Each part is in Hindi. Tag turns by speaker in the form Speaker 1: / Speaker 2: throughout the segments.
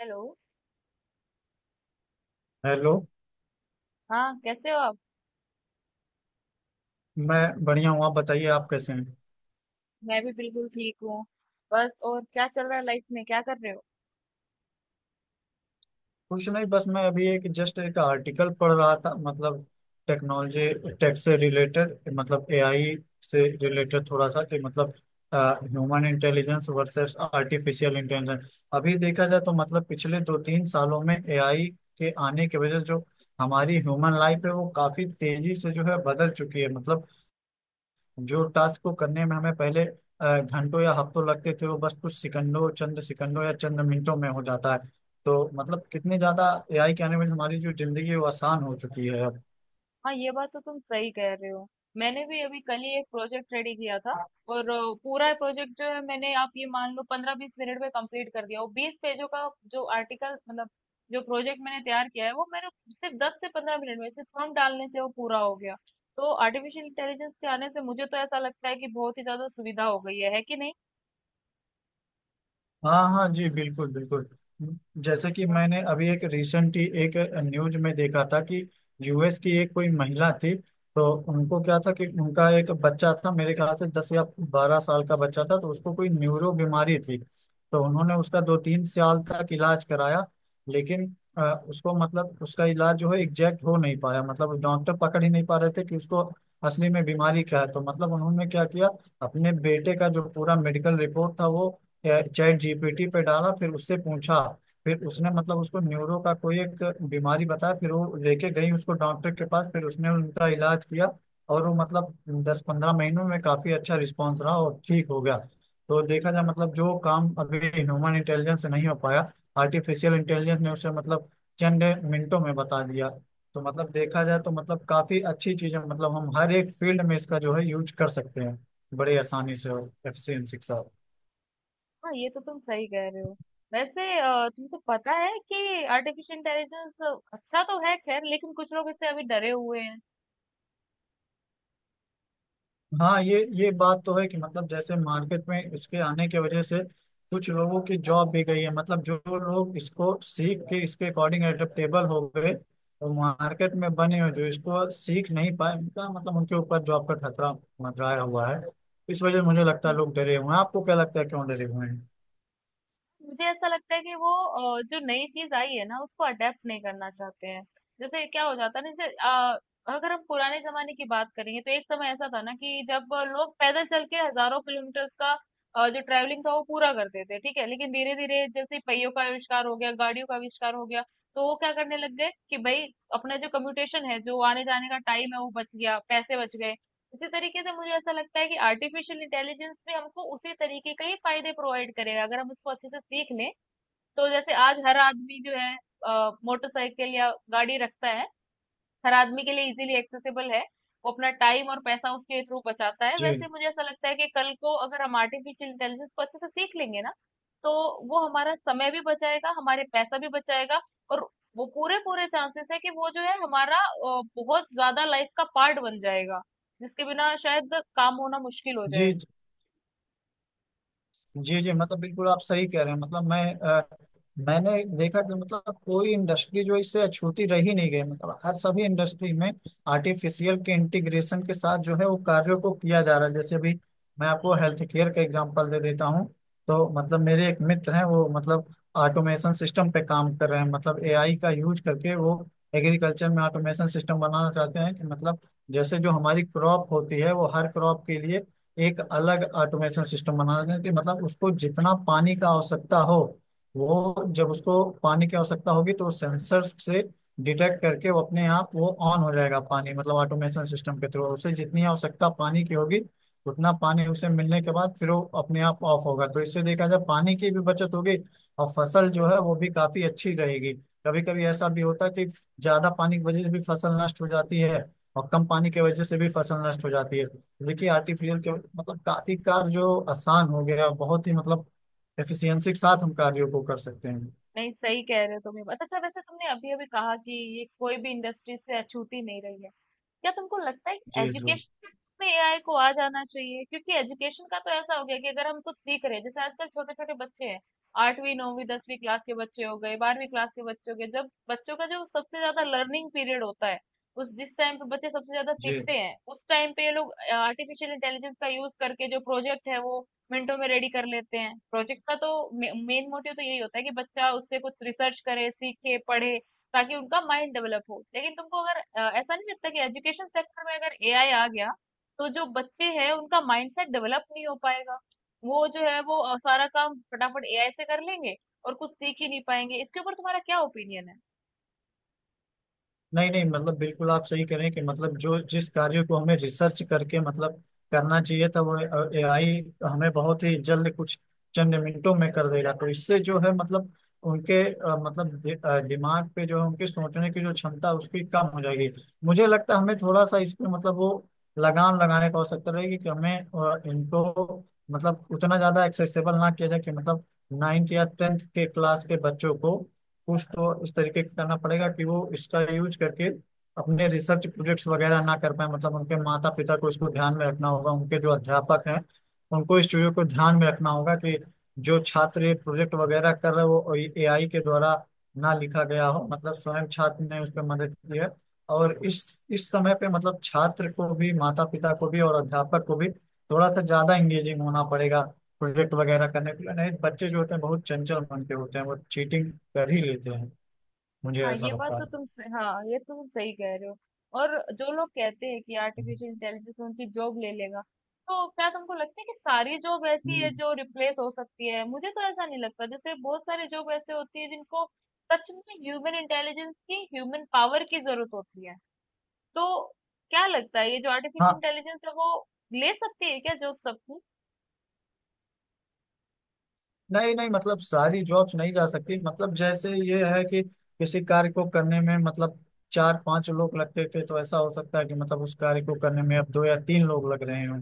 Speaker 1: हेलो।
Speaker 2: हेलो।
Speaker 1: हाँ कैसे हो आप।
Speaker 2: मैं बढ़िया हूँ। आप बताइए, आप कैसे हैं?
Speaker 1: मैं भी बिल्कुल ठीक हूँ। बस और क्या चल रहा है लाइफ में, क्या कर रहे हो?
Speaker 2: कुछ नहीं, बस मैं अभी एक जस्ट एक आर्टिकल पढ़ रहा था। मतलब टेक्नोलॉजी, टेक से रिलेटेड, मतलब एआई से रिलेटेड। थोड़ा सा कि मतलब human intelligence versus artificial intelligence. अभी देखा जाए तो मतलब पिछले दो तीन सालों में एआई के आने की वजह से जो हमारी ह्यूमन लाइफ है वो काफी तेजी से जो है बदल चुकी है। मतलब जो टास्क को करने में हमें पहले घंटों या हफ्तों लगते थे वो बस कुछ सेकंडों, चंद सेकंडों या चंद मिनटों में हो जाता है। तो मतलब कितने ज्यादा एआई के आने में हमारी जो जिंदगी है वो आसान हो चुकी है अब।
Speaker 1: हाँ ये बात तो तुम सही कह रहे हो। मैंने भी अभी कल ही एक प्रोजेक्ट रेडी किया था, और पूरा प्रोजेक्ट जो है मैंने, आप ये मान लो, 15-20 मिनट में कंप्लीट कर दिया, और 20 पेजों का जो आर्टिकल, मतलब जो प्रोजेक्ट मैंने तैयार किया है, वो मेरे सिर्फ 10 से 15 मिनट में सिर्फ फॉर्म डालने से वो पूरा हो गया। तो आर्टिफिशियल इंटेलिजेंस के आने से मुझे तो ऐसा लगता है कि बहुत ही ज्यादा सुविधा हो गई है कि नहीं?
Speaker 2: हाँ हाँ जी, बिल्कुल बिल्कुल। जैसे कि मैंने अभी एक रिसेंट ही एक न्यूज में देखा था कि यूएस की एक कोई महिला थी। तो उनको क्या था कि उनका एक बच्चा था, मेरे ख्याल से 10 या 12 साल का बच्चा था। तो उसको कोई न्यूरो बीमारी थी। तो उन्होंने उसका 2-3 साल तक इलाज कराया। लेकिन उसको मतलब उसका इलाज जो है एग्जैक्ट हो नहीं पाया। मतलब डॉक्टर पकड़ ही नहीं पा रहे थे कि उसको असली में बीमारी क्या है। तो मतलब उन्होंने क्या किया, अपने बेटे का जो पूरा मेडिकल रिपोर्ट था वो चैट जीपीटी पे डाला, फिर उससे पूछा। फिर उसने मतलब उसको न्यूरो का कोई एक बीमारी बताया, फिर वो लेके गई उसको डॉक्टर के पास, फिर उसने उनका इलाज किया। और वो मतलब 10-15 महीनों में काफी अच्छा रिस्पॉन्स रहा और ठीक हो गया। तो देखा जाए मतलब जो काम अभी ह्यूमन इंटेलिजेंस से नहीं हो पाया, आर्टिफिशियल इंटेलिजेंस ने उसे मतलब चंद मिनटों में बता दिया। तो मतलब देखा जाए तो मतलब काफी अच्छी चीज है। मतलब हम हर एक फील्ड में इसका जो है यूज कर सकते हैं, बड़े आसानी से और एफिशिएंसी के साथ।
Speaker 1: हाँ ये तो तुम सही कह रहे हो। वैसे तुमको पता है कि आर्टिफिशियल इंटेलिजेंस अच्छा तो है खैर, लेकिन कुछ लोग इससे अभी डरे हुए हैं।
Speaker 2: हाँ, ये बात तो है कि मतलब जैसे मार्केट में इसके आने की वजह से कुछ लोगों की जॉब भी गई है। मतलब जो लोग इसको सीख के इसके अकॉर्डिंग एडेप्टेबल हो गए तो मार्केट में बने हुए जो इसको सीख नहीं पाए उनका मतलब उनके ऊपर जॉब का खतरा मंडराया हुआ है। इस वजह से मुझे लगता है लोग डरे हुए हैं। आपको क्या लगता है क्यों डरे हुए हैं?
Speaker 1: मुझे ऐसा लगता है कि वो जो नई चीज आई है ना उसको अडेप्ट नहीं करना चाहते हैं। जैसे क्या हो जाता है ना, जैसे अगर हम पुराने जमाने की बात करेंगे तो एक समय ऐसा था ना कि जब लोग पैदल चल के हजारों किलोमीटर का जो ट्रैवलिंग था वो पूरा करते थे, ठीक है। लेकिन धीरे धीरे जैसे पहियों का आविष्कार हो गया, गाड़ियों का आविष्कार हो गया, तो वो क्या करने लग गए कि भाई अपना जो कम्यूटेशन है, जो आने जाने का टाइम है वो बच गया, पैसे बच गए। इसी तरीके से मुझे ऐसा लगता है कि आर्टिफिशियल इंटेलिजेंस भी हमको उसी तरीके के ही फायदे प्रोवाइड करेगा, अगर हम उसको अच्छे से सीख लें। तो जैसे आज हर आदमी जो है मोटरसाइकिल या गाड़ी रखता है, हर आदमी के लिए इजीली एक्सेसिबल है, वो अपना टाइम और पैसा उसके थ्रू बचाता है,
Speaker 2: जी।
Speaker 1: वैसे मुझे ऐसा लगता है कि कल को अगर हम आर्टिफिशियल इंटेलिजेंस को अच्छे से सीख लेंगे ना, तो वो हमारा समय भी बचाएगा, हमारे पैसा भी बचाएगा। और वो पूरे पूरे चांसेस है कि वो जो है हमारा बहुत ज्यादा लाइफ का पार्ट बन जाएगा, जिसके बिना शायद काम होना मुश्किल हो जाए।
Speaker 2: जी। जी जी मतलब बिल्कुल आप सही कह रहे हैं। मतलब मैंने देखा कि मतलब कोई इंडस्ट्री जो इससे अछूती रह ही नहीं गई। मतलब हर सभी इंडस्ट्री में आर्टिफिशियल के इंटीग्रेशन के साथ जो है वो कार्यों को किया जा रहा है। जैसे अभी मैं आपको हेल्थ केयर का एग्जांपल दे देता हूँ। तो मतलब मेरे एक मित्र हैं वो मतलब ऑटोमेशन सिस्टम पे काम कर रहे हैं। मतलब एआई का यूज करके वो एग्रीकल्चर में ऑटोमेशन सिस्टम बनाना चाहते हैं। कि मतलब जैसे जो हमारी क्रॉप होती है, वो हर क्रॉप के लिए एक अलग ऑटोमेशन सिस्टम बनाना है। कि मतलब उसको जितना पानी का आवश्यकता हो, वो जब उसको पानी की आवश्यकता होगी तो सेंसर से डिटेक्ट करके वो अपने आप वो ऑन हो जाएगा। पानी मतलब ऑटोमेशन सिस्टम के थ्रू उसे जितनी आवश्यकता पानी की होगी, उतना पानी उसे मिलने के बाद फिर वो अपने आप ऑफ होगा। तो इससे देखा जाए पानी की भी बचत होगी और फसल जो है वो भी काफी अच्छी रहेगी। कभी कभी ऐसा भी होता है कि ज्यादा पानी की वजह से भी फसल नष्ट हो जाती है और कम पानी की वजह से भी फसल नष्ट हो जाती है। देखिए आर्टिफिशियल के मतलब काफी कार्य आसान हो गया, बहुत ही मतलब एफिशिएंसी के साथ हम कार्यों को कर सकते हैं।
Speaker 1: नहीं, सही कह रहे हो तुम ये बात। अच्छा वैसे तुमने अभी अभी कहा कि ये कोई भी इंडस्ट्री से अछूती नहीं रही है। क्या तुमको लगता है कि
Speaker 2: जी। जी।
Speaker 1: एजुकेशन में एआई को आ जाना चाहिए? क्योंकि एजुकेशन का तो ऐसा हो गया कि अगर हम कुछ सीख रहे हैं, जैसे आजकल छोटे छोटे बच्चे हैं, आठवीं नौवीं 10वीं क्लास के बच्चे हो गए, 12वीं क्लास के बच्चे हो गए, जब बच्चों का जो सबसे ज्यादा लर्निंग पीरियड होता है, उस जिस टाइम पे बच्चे सबसे ज्यादा
Speaker 2: जी
Speaker 1: सीखते हैं, उस टाइम पे ये लोग आर्टिफिशियल इंटेलिजेंस का यूज करके जो प्रोजेक्ट है वो मिनटों में रेडी कर लेते हैं। प्रोजेक्ट का तो मेन मोटिव तो यही होता है कि बच्चा उससे कुछ रिसर्च करे, सीखे, पढ़े, ताकि उनका माइंड डेवलप हो। लेकिन तुमको अगर ऐसा नहीं लगता कि एजुकेशन सेक्टर में अगर एआई आ गया तो जो बच्चे हैं उनका माइंडसेट डेवलप नहीं हो पाएगा? वो जो है वो सारा काम फटाफट एआई से कर लेंगे और कुछ सीख ही नहीं पाएंगे। इसके ऊपर तुम्हारा क्या ओपिनियन है?
Speaker 2: नहीं नहीं मतलब बिल्कुल आप सही करें कि मतलब जो जिस कार्य को हमें रिसर्च करके मतलब करना चाहिए था वो एआई हमें बहुत ही जल्द कुछ चंद मिनटों में कर देगा। तो इससे जो है मतलब उनके मतलब दिमाग पे जो है उनके सोचने की जो क्षमता उसकी कम हो जाएगी। मुझे लगता है हमें थोड़ा सा इस पे मतलब वो लगाम लगाने की आवश्यकता रहेगी। कि हमें इनको मतलब उतना ज्यादा एक्सेसिबल ना किया जाए। कि मतलब 9th या 10th के क्लास के बच्चों को कुछ तो इस तरीके का करना पड़ेगा कि वो इसका यूज करके अपने रिसर्च प्रोजेक्ट्स वगैरह ना कर पाए। मतलब उनके माता पिता को इसको ध्यान में रखना होगा, उनके जो अध्यापक हैं उनको इस चीज़ों को ध्यान में रखना होगा कि जो छात्र ये प्रोजेक्ट वगैरह कर रहे हो वो एआई के द्वारा ना लिखा गया हो। मतलब स्वयं छात्र ने उस पर मदद की है। और इस समय पे मतलब छात्र को भी, माता पिता को भी और अध्यापक को भी थोड़ा सा ज्यादा इंगेजिंग होना पड़ेगा प्रोजेक्ट वगैरह करने के लिए। नहीं, बच्चे जो होते हैं बहुत चंचल मन के होते हैं वो चीटिंग कर ही लेते हैं, मुझे
Speaker 1: हाँ
Speaker 2: ऐसा
Speaker 1: ये बात
Speaker 2: लगता है।
Speaker 1: तो हाँ ये तो तुम सही कह रहे हो। और जो लोग कहते हैं कि आर्टिफिशियल इंटेलिजेंस उनकी जॉब ले लेगा, तो क्या तुमको लगता है कि सारी जॉब ऐसी है
Speaker 2: हम्म।
Speaker 1: जो रिप्लेस हो सकती है? मुझे तो ऐसा नहीं लगता। जैसे बहुत सारे जॉब ऐसे होती है जिनको सच में ह्यूमन इंटेलिजेंस की, ह्यूमन पावर की जरूरत होती है। तो क्या लगता है ये जो आर्टिफिशियल
Speaker 2: हाँ।
Speaker 1: इंटेलिजेंस है वो ले सकती है क्या जॉब सबकी?
Speaker 2: नहीं नहीं मतलब सारी जॉब्स नहीं जा सकती। मतलब जैसे ये है कि किसी कार्य को करने में मतलब चार पांच लोग लगते थे, तो ऐसा हो सकता है कि मतलब उस कार्य को करने में अब दो या तीन लोग लग रहे हों।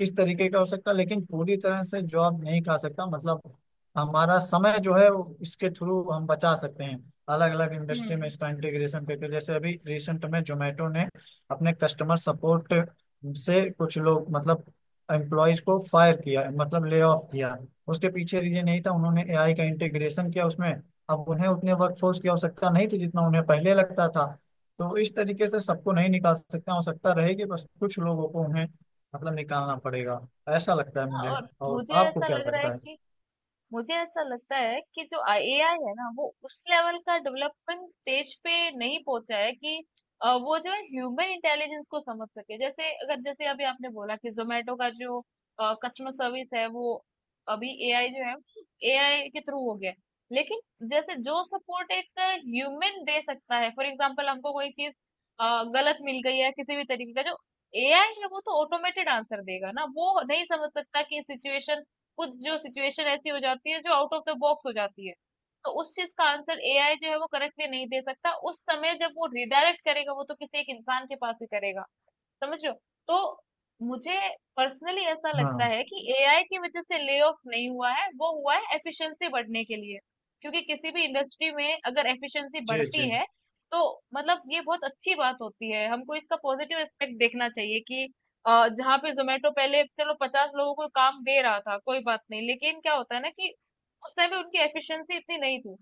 Speaker 2: इस तरीके का हो सकता है, लेकिन पूरी तरह से जॉब नहीं खा सकता। मतलब हमारा समय जो है वो इसके थ्रू हम बचा सकते हैं, अलग अलग इंडस्ट्री में
Speaker 1: हम्म।
Speaker 2: इसका इंटीग्रेशन करके। जैसे अभी रिसेंट में जोमेटो ने अपने कस्टमर सपोर्ट से कुछ लोग मतलब एम्प्लॉयज को फायर किया, मतलब ले ऑफ किया। उसके पीछे रीजन यही था, उन्होंने एआई का इंटीग्रेशन किया उसमें। अब उन्हें उतने वर्कफोर्स की आवश्यकता नहीं थी जितना उन्हें पहले लगता था। तो इस तरीके से सबको नहीं निकाल सकते, आवश्यकता रहेगी बस कुछ लोगों को उन्हें मतलब निकालना पड़ेगा, ऐसा लगता है
Speaker 1: हाँ
Speaker 2: मुझे।
Speaker 1: और
Speaker 2: और
Speaker 1: मुझे
Speaker 2: आपको
Speaker 1: ऐसा
Speaker 2: क्या
Speaker 1: लग रहा है
Speaker 2: लगता
Speaker 1: कि
Speaker 2: है?
Speaker 1: मुझे ऐसा लगता है कि जो एआई है ना वो उस लेवल का डेवलपमेंट स्टेज पे नहीं पहुंचा है कि वो जो है ह्यूमन इंटेलिजेंस को समझ सके। जैसे अगर जैसे अभी आपने बोला कि जोमेटो का जो कस्टमर सर्विस है वो अभी एआई जो है एआई के थ्रू हो गया है। लेकिन जैसे जो सपोर्ट एक ह्यूमन दे सकता है, फॉर एग्जांपल हमको कोई चीज गलत मिल गई है, किसी भी तरीके का, जो एआई है वो तो ऑटोमेटेड आंसर देगा ना, वो नहीं समझ सकता कि सिचुएशन, कुछ जो सिचुएशन ऐसी हो जाती है जो आउट ऑफ द बॉक्स हो जाती है। तो उस चीज़ का आंसर एआई जो है वो करेक्टली नहीं दे सकता। उस समय जब वो रिडायरेक्ट करेगा वो तो किसी एक इंसान के पास ही करेगा। समझ रहे हो? तो मुझे पर्सनली ऐसा लगता
Speaker 2: हाँ।
Speaker 1: है कि एआई की वजह से ले ऑफ नहीं हुआ है, वो हुआ है एफिशिएंसी बढ़ने के लिए। क्योंकि किसी भी इंडस्ट्री में अगर एफिशिएंसी
Speaker 2: जी
Speaker 1: बढ़ती
Speaker 2: जी।
Speaker 1: है तो मतलब ये बहुत अच्छी बात होती है। हमको इसका पॉजिटिव एस्पेक्ट देखना चाहिए कि जहाँ पे जोमेटो पहले चलो 50 लोगों को काम दे रहा था, कोई बात नहीं, लेकिन क्या होता है ना कि उस टाइम पे उनकी एफिशिएंसी इतनी नहीं थी,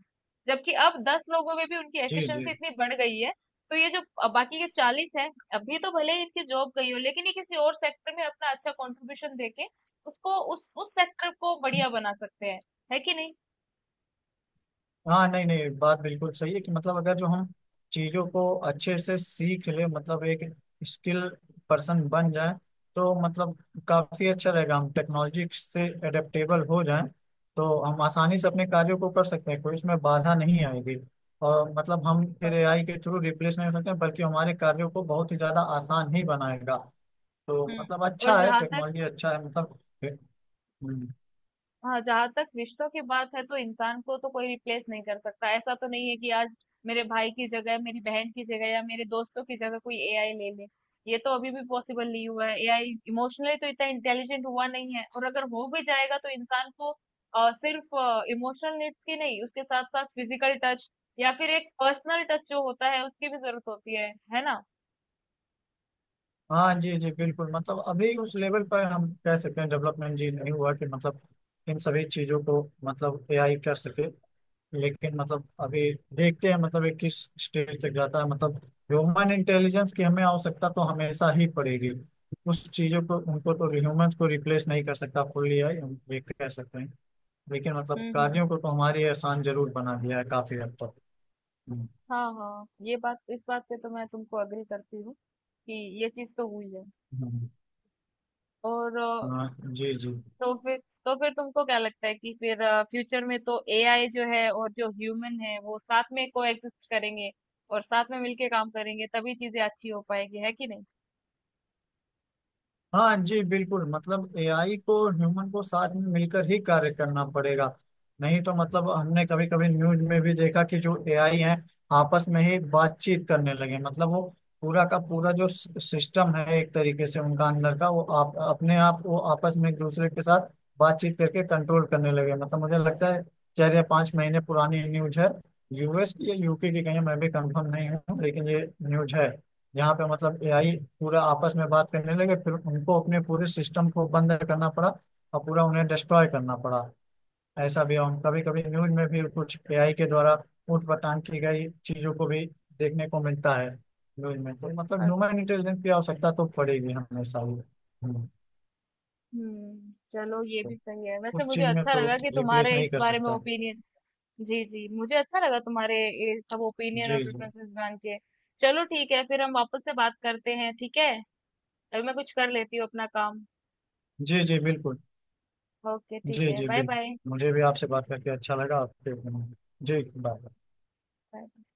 Speaker 1: जबकि अब 10 लोगों में भी उनकी
Speaker 2: जी जी।
Speaker 1: एफिशिएंसी इतनी बढ़ गई है। तो ये जो बाकी के 40 हैं, अभी तो भले ही इनकी जॉब गई हो, लेकिन ये किसी और सेक्टर में अपना अच्छा कंट्रीब्यूशन देके उसको उस सेक्टर को बढ़िया बना सकते हैं, है कि नहीं?
Speaker 2: हाँ, नहीं नहीं बात बिल्कुल सही है कि मतलब अगर जो हम चीजों को अच्छे से सीख ले मतलब एक स्किल पर्सन बन जाए, तो मतलब काफी अच्छा रहेगा। हम टेक्नोलॉजी से एडेप्टेबल हो जाएं तो हम आसानी से अपने कार्यों को कर सकते हैं, कोई इसमें बाधा नहीं आएगी। और मतलब
Speaker 1: सही
Speaker 2: हम फिर
Speaker 1: बात।
Speaker 2: एआई के थ्रू रिप्लेस नहीं हो सकते, बल्कि हमारे कार्यों को बहुत ही ज्यादा आसान ही बनाएगा। तो
Speaker 1: हम्म।
Speaker 2: मतलब अच्छा
Speaker 1: और
Speaker 2: है,
Speaker 1: जहां तक,
Speaker 2: टेक्नोलॉजी अच्छा है मतलब। हम्म।
Speaker 1: हाँ जहां तक रिश्तों की बात है तो इंसान को तो कोई रिप्लेस नहीं कर सकता। ऐसा तो नहीं है कि आज मेरे भाई की जगह, मेरी बहन की जगह या मेरे दोस्तों की जगह कोई एआई ले ले। ये तो अभी भी पॉसिबल नहीं हुआ है। एआई इमोशनली तो इतना इंटेलिजेंट हुआ नहीं है, और अगर हो भी जाएगा तो इंसान को सिर्फ इमोशनल नीड्स की नहीं, उसके साथ साथ फिजिकल टच या फिर एक पर्सनल टच जो होता है उसकी भी जरूरत होती है ना?
Speaker 2: हाँ जी जी बिल्कुल। मतलब अभी उस लेवल पर हम कह सकते हैं डेवलपमेंट जी नहीं हुआ कि मतलब इन सभी चीजों को मतलब एआई कर सके। लेकिन मतलब अभी देखते हैं मतलब ये किस स्टेज तक जाता है। मतलब ह्यूमन इंटेलिजेंस की हमें आवश्यकता तो हमेशा ही पड़ेगी। उस चीजों को, उनको तो ह्यूमंस को रिप्लेस नहीं कर सकता फुल्ली एआई, हम ये कह सकते हैं। लेकिन मतलब
Speaker 1: हम्म। हम्म।
Speaker 2: कार्यों को तो हमारे आसान जरूर बना दिया है काफी हद तक। हम्म।
Speaker 1: हाँ हाँ ये बात, इस बात पे तो मैं तुमको अग्री करती हूँ कि ये चीज तो हुई है।
Speaker 2: हम्म।
Speaker 1: और
Speaker 2: हाँ जी जी।
Speaker 1: तो फिर तो फिर तुमको क्या लगता है कि फिर फ्यूचर में तो एआई जो है और जो ह्यूमन है वो साथ में कोएग्जिस्ट करेंगे और साथ में मिलके काम करेंगे, तभी चीजें अच्छी हो पाएगी, है कि नहीं?
Speaker 2: हाँ जी बिल्कुल। मतलब एआई को ह्यूमन को साथ में मिलकर ही कार्य करना पड़ेगा। नहीं तो मतलब हमने कभी कभी न्यूज में भी देखा कि जो एआई है आपस में ही बातचीत करने लगे। मतलब वो पूरा का पूरा जो सिस्टम है एक तरीके से उनका अंदर का वो आप अपने आप वो आपस में एक दूसरे के साथ बातचीत करके कंट्रोल करने लगे। मतलब मुझे लगता है 4 या 5 महीने पुरानी न्यूज है, यूएस या यूके की, कहीं मैं भी कंफर्म नहीं हूँ लेकिन ये न्यूज है। यहाँ पे मतलब एआई पूरा आपस में बात करने लगे, फिर उनको अपने पूरे सिस्टम को बंद करना पड़ा और पूरा उन्हें डिस्ट्रॉय करना पड़ा। ऐसा भी हम कभी कभी न्यूज में भी कुछ एआई के द्वारा ऊट पटांग की गई चीजों को भी देखने को मिलता है न्यूज में। तो मतलब
Speaker 1: अ-
Speaker 2: ह्यूमन इंटेलिजेंस की आवश्यकता तो पड़ेगी हमेशा ही। हम्म।
Speaker 1: हम्म, चलो ये
Speaker 2: तो
Speaker 1: भी सही है। वैसे
Speaker 2: उस
Speaker 1: मुझे
Speaker 2: चीज में
Speaker 1: अच्छा
Speaker 2: तो
Speaker 1: लगा कि
Speaker 2: रिप्लेस
Speaker 1: तुम्हारे इस
Speaker 2: नहीं कर
Speaker 1: बारे में
Speaker 2: सकता।
Speaker 1: ओपिनियन। जी जी मुझे अच्छा लगा तुम्हारे ये सब ओपिनियन और
Speaker 2: जी जी।
Speaker 1: प्रेफरेंसेस जान के। चलो ठीक है, फिर हम वापस से बात करते हैं, ठीक है। अभी मैं कुछ कर लेती हूँ अपना काम।
Speaker 2: जी जी बिल्कुल।
Speaker 1: ओके ठीक
Speaker 2: जी
Speaker 1: है,
Speaker 2: जी
Speaker 1: बाय।
Speaker 2: बिल्कुल मुझे भी आपसे बात करके अच्छा लगा आपके। जी, बाय।
Speaker 1: बाय।